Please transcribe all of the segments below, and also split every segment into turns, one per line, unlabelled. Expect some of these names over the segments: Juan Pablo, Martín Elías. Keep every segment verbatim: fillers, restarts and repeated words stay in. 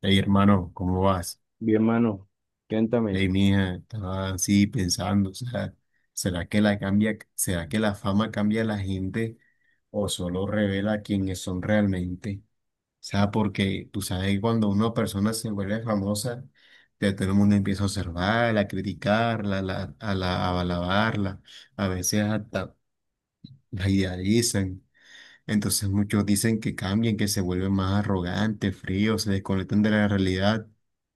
Hey, hermano, ¿cómo vas?
Bien, mano, cuéntame.
Hey, mija, estaba así pensando, o sea, ¿será que la cambia, será que la fama cambia a la gente o solo revela quiénes son realmente? O sea, porque tú sabes que cuando una persona se vuelve famosa, ya todo el mundo empieza a observarla, a criticarla, a la, a la- a alabarla, a veces hasta la idealizan. Entonces muchos dicen que cambian, que se vuelven más arrogantes, fríos, se desconectan de la realidad.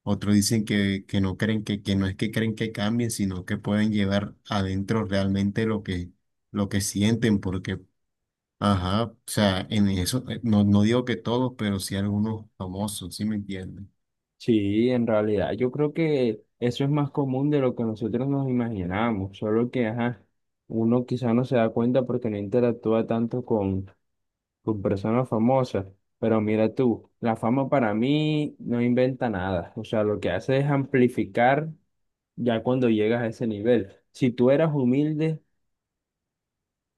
Otros dicen que, que no creen que, que no es que creen que cambien, sino que pueden llevar adentro realmente lo que, lo que sienten, porque, ajá, o sea, en eso, eh, no, no digo que todos, pero sí algunos famosos, ¿sí me entienden?
Sí, en realidad yo creo que eso es más común de lo que nosotros nos imaginamos, solo que, ajá, uno quizá no se da cuenta porque no interactúa tanto con, con personas famosas, pero mira tú, la fama para mí no inventa nada, o sea, lo que hace es amplificar ya cuando llegas a ese nivel. Si tú eras humilde,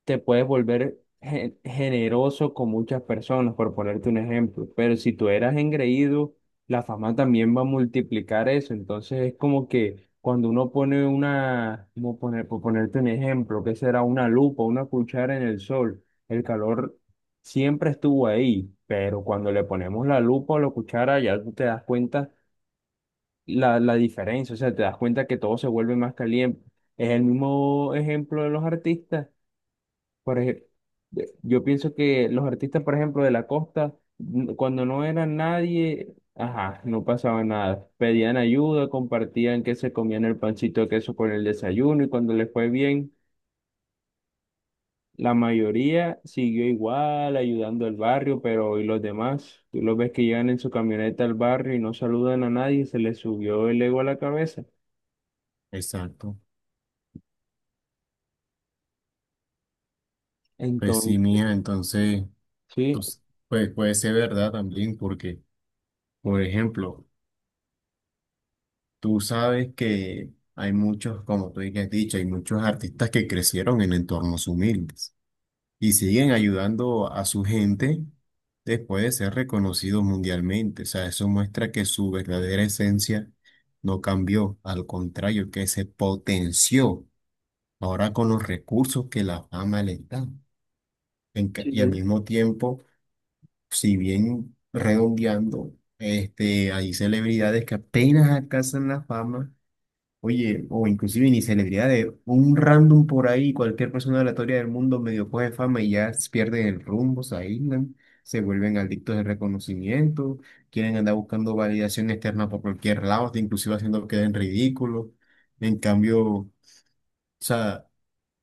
te puedes volver gen- generoso con muchas personas, por ponerte un ejemplo. Pero si tú eras engreído, la fama también va a multiplicar eso. Entonces es como que cuando uno pone una, como poner, por ponerte un ejemplo, que será una lupa, una cuchara en el sol, el calor siempre estuvo ahí, pero cuando le ponemos la lupa o la cuchara, ya tú te das cuenta la, la diferencia, o sea, te das cuenta que todo se vuelve más caliente. Es el mismo ejemplo de los artistas, por ejemplo, yo pienso que los artistas, por ejemplo, de la costa, n- cuando no era nadie, ajá, no pasaba nada. Pedían ayuda, compartían que se comían el pancito de queso con el desayuno y cuando les fue bien, la mayoría siguió igual ayudando al barrio, pero ¿y los demás? Tú los ves que llegan en su camioneta al barrio y no saludan a nadie, se les subió el ego a la cabeza.
Exacto. Pues sí,
Entonces,
mía, entonces,
sí.
pues, pues puede ser verdad también, porque, por ejemplo, tú sabes que hay muchos, como tú ya has dicho, hay muchos artistas que crecieron en entornos humildes y siguen ayudando a su gente después de ser reconocidos mundialmente. O sea, eso muestra que su verdadera esencia no cambió, al contrario, que se potenció ahora con los recursos que la fama le da. En ca-
Sí.
Y al mismo tiempo, si bien redondeando, este, hay celebridades que apenas alcanzan la fama. Oye, o inclusive ni celebridades, un random por ahí, cualquier persona aleatoria del mundo medio coge fama y ya pierden el rumbo, se aíslan, se vuelven adictos de reconocimiento, quieren andar buscando validación externa por cualquier lado, hasta inclusive haciendo que queden ridículos. En cambio, o sea,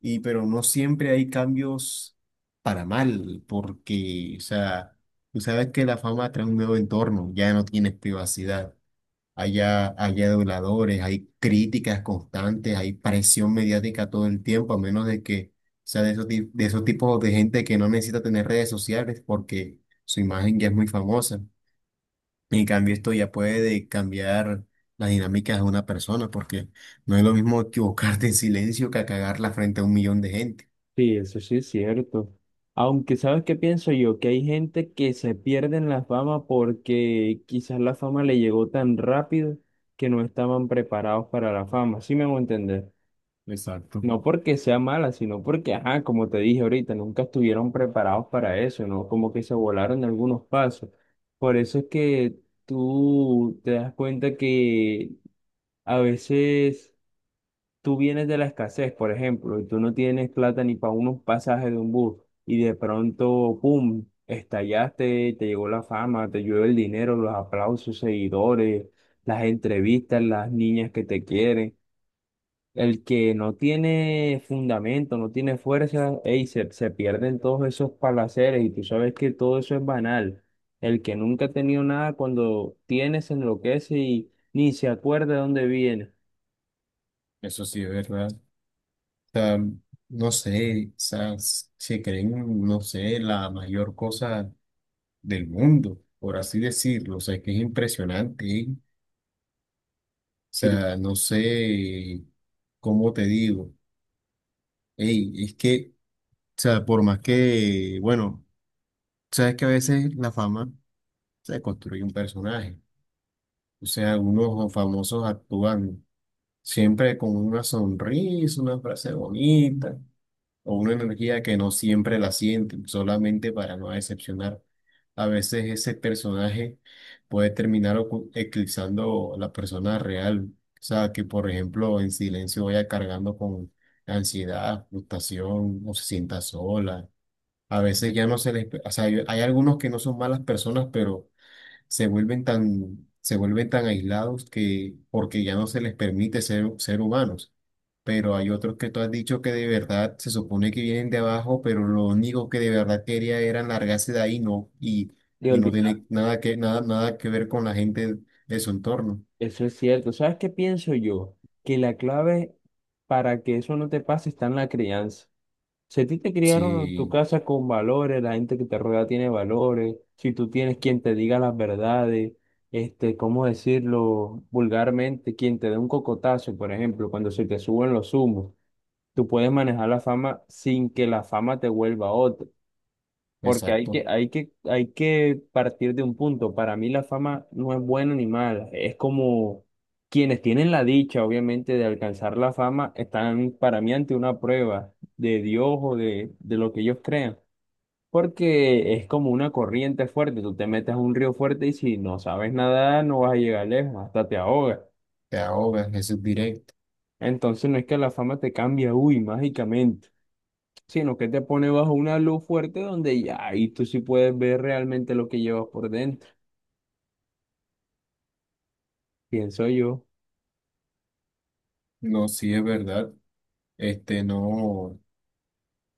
y pero no siempre hay cambios para mal, porque, o sea, tú sabes que la fama trae un nuevo entorno, ya no tienes privacidad. Haya, haya aduladores, hay críticas constantes, hay presión mediática todo el tiempo, a menos de que sea de esos, ti- de esos tipos de gente que no necesita tener redes sociales porque su imagen ya es muy famosa. En cambio, esto ya puede cambiar las dinámicas de una persona, porque no es lo mismo equivocarte en silencio que a cagarla frente a un millón de gente.
Sí, eso sí es cierto. Aunque sabes qué pienso yo, que hay gente que se pierde en la fama porque quizás la fama le llegó tan rápido que no estaban preparados para la fama, ¿sí me hago entender? No
Exacto.
porque sea mala, sino porque, ajá, como te dije ahorita, nunca estuvieron preparados para eso, ¿no? Como que se volaron algunos pasos. Por eso es que tú te das cuenta que a veces tú vienes de la escasez, por ejemplo, y tú no tienes plata ni para unos pasajes de un bus, y de pronto, ¡pum!, estallaste, te llegó la fama, te llueve el dinero, los aplausos, seguidores, las entrevistas, las niñas que te quieren. El que no tiene fundamento, no tiene fuerza, ey, se, se pierden todos esos palaceres y tú sabes que todo eso es banal. El que nunca ha tenido nada, cuando tiene, se enloquece y ni se acuerda de dónde viene.
Eso sí es verdad. O sea, no sé, o sea, s- se creen, no sé, la mayor cosa del mundo, por así decirlo. O sea, es que es impresionante, ¿eh? O
Sí,
sea, no sé cómo te digo. Ey, es que, o sea, por más que, bueno, sabes que a veces la fama se construye un personaje. O sea, algunos famosos actúan siempre con una sonrisa, una frase bonita, o una energía que no siempre la sienten, solamente para no decepcionar. A veces ese personaje puede terminar ocu- eclipsando la persona real. O sea, que por ejemplo en silencio vaya cargando con ansiedad, frustración, o se sienta sola. A veces ya no se les... O sea, hay hay algunos que no son malas personas, pero se vuelven tan, se vuelven tan aislados que porque ya no se les permite ser, ser humanos. Pero hay otros que tú has dicho que de verdad se supone que vienen de abajo, pero lo único que de verdad quería era largarse de ahí, no, y,
le
y no
olvidó.
tiene nada que, nada, nada que ver con la gente de su entorno.
Eso es cierto. ¿Sabes qué pienso yo? Que la clave para que eso no te pase está en la crianza. Si a ti te criaron en tu
Sí,
casa con valores, la gente que te rodea tiene valores, si tú tienes quien te diga las verdades, este, ¿cómo decirlo vulgarmente? Quien te dé un cocotazo, por ejemplo, cuando se te suben los humos, tú puedes manejar la fama sin que la fama te vuelva otra. Porque hay que,
exacto.
hay que, hay que partir de un punto. Para mí la fama no es buena ni mala. Es como quienes tienen la dicha, obviamente, de alcanzar la fama, están para mí ante una prueba de Dios o de, de lo que ellos crean. Porque es como una corriente fuerte. Tú te metes a un río fuerte y si no sabes nadar, no vas a llegar lejos, hasta te ahogas.
Te ahogas, eso es directo.
Entonces no es que la fama te cambie, uy, mágicamente, sino que te pone bajo una luz fuerte donde ya y tú sí puedes ver realmente lo que llevas por dentro. Pienso yo,
No, sí es verdad. Este, no,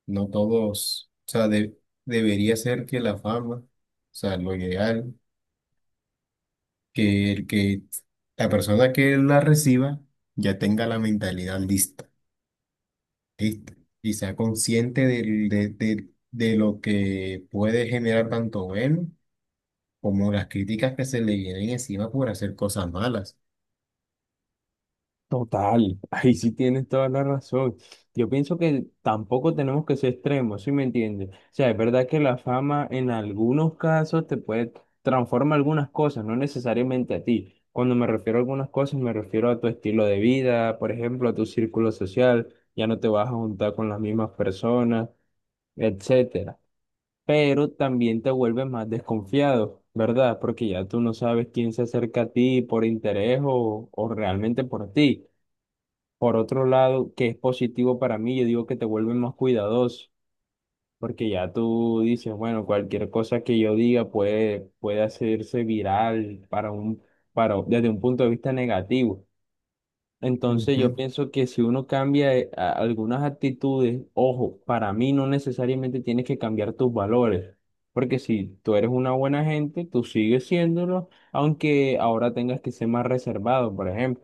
no todos, o sea, de- debería ser que la fama, o sea, lo ideal, que el que la persona que la reciba ya tenga la mentalidad lista, y, y sea consciente del- de, de- de lo que puede generar tanto bueno como las críticas que se le vienen encima por hacer cosas malas.
total, ahí sí tienes toda la razón. Yo pienso que tampoco tenemos que ser extremos, ¿sí me entiendes? O sea, es verdad que la fama en algunos casos te puede transformar algunas cosas, no necesariamente a ti. Cuando me refiero a algunas cosas, me refiero a tu estilo de vida, por ejemplo, a tu círculo social, ya no te vas a juntar con las mismas personas, etcétera, pero también te vuelves más desconfiado, ¿verdad? Porque ya tú no sabes quién se acerca a ti por interés o, o realmente por ti. Por otro lado, que es positivo para mí, yo digo que te vuelves más cuidadoso, porque ya tú dices, bueno, cualquier cosa que yo diga puede, puede hacerse viral para un, para, desde un punto de vista negativo. Entonces yo
Ujú.
pienso que si uno cambia eh, a- algunas actitudes, ojo, para mí no necesariamente tienes que cambiar tus valores, porque si tú eres una buena gente, tú sigues siéndolo, aunque ahora tengas que ser más reservado, por ejemplo.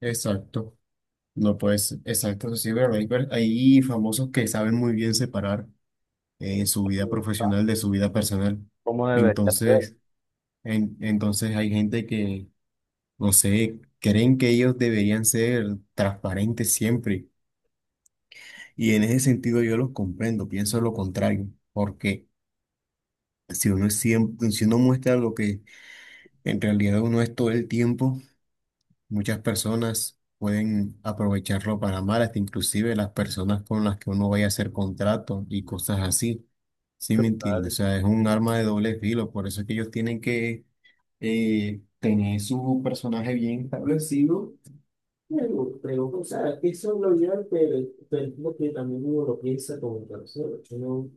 Exacto. No, pues, exacto, eso sí, pero hay, per- hay famosos que saben muy bien separar eh, su vida profesional de su vida personal.
¿Cómo debería ser?
Entonces, en- entonces hay gente que, no sé, creen que ellos deberían ser transparentes siempre. Y en ese sentido yo los comprendo, pienso lo contrario. ¿Por qué? Si uno es siempre, si uno muestra lo que en realidad uno es todo el tiempo, muchas personas pueden aprovecharlo para mal, hasta inclusive las personas con las que uno vaya a hacer contratos y cosas así. ¿Sí me entiendes? O sea, es un arma de doble filo, por eso es que ellos tienen que eh, tener su personaje bien establecido. Pero, pero, o sea, eso lo lleva, pero, pero es lo que también uno lo piensa como persona, ¿no?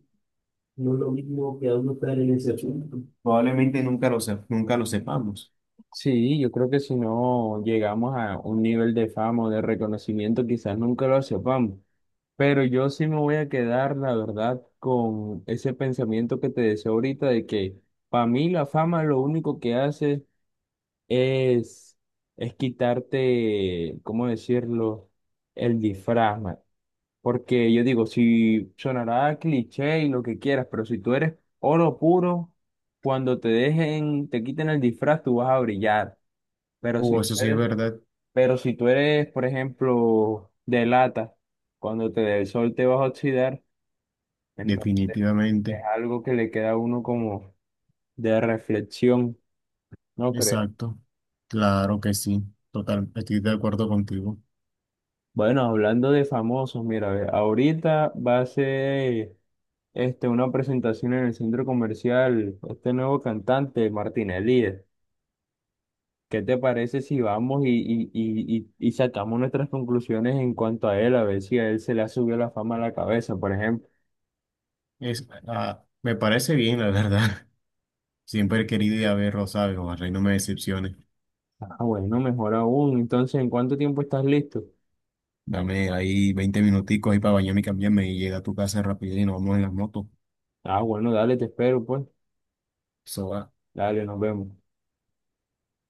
No es lo mismo que a uno estar en ese asunto. Probablemente nunca lo, sep- nunca lo sepamos.
Sí, yo creo que si no llegamos a un nivel de fama o de reconocimiento, quizás nunca lo sepamos. Pero yo sí me voy a quedar, la verdad, con ese pensamiento que te decía ahorita de que para mí la fama lo único que hace es, es quitarte, ¿cómo decirlo?, el disfraz, man. Porque yo digo, si sonará cliché y lo que quieras, pero si tú eres oro puro, cuando te dejen, te quiten el disfraz, tú vas a brillar. Pero si
Uh,
tú
eso sí es
eres,
verdad,
pero si tú eres, por ejemplo, de lata, cuando te dé el sol te vas a oxidar, entonces es
definitivamente.
algo que le queda a uno como de reflexión, ¿no crees?
Exacto, claro que sí, total, estoy de acuerdo contigo.
Bueno, hablando de famosos, mira, ve, ahorita va a ser, este, una presentación en el centro comercial, este nuevo cantante, Martín Elías. ¿Qué te parece si vamos y, y, y, y y sacamos nuestras conclusiones en cuanto a él, a ver si a él se le ha subido la fama a la cabeza, por ejemplo?
Es, ah, me parece bien, la verdad. Siempre he querido ir a ver Rosario, ojalá y no me decepcione.
Ah, bueno, mejor aún. Entonces, ¿en cuánto tiempo estás listo?
Dame ahí veinte minuticos ahí para bañarme y cambiarme y llega a tu casa rápido y nos vamos en las motos.
Ah, bueno, dale, te espero, pues.
Eso va.
Dale, nos vemos.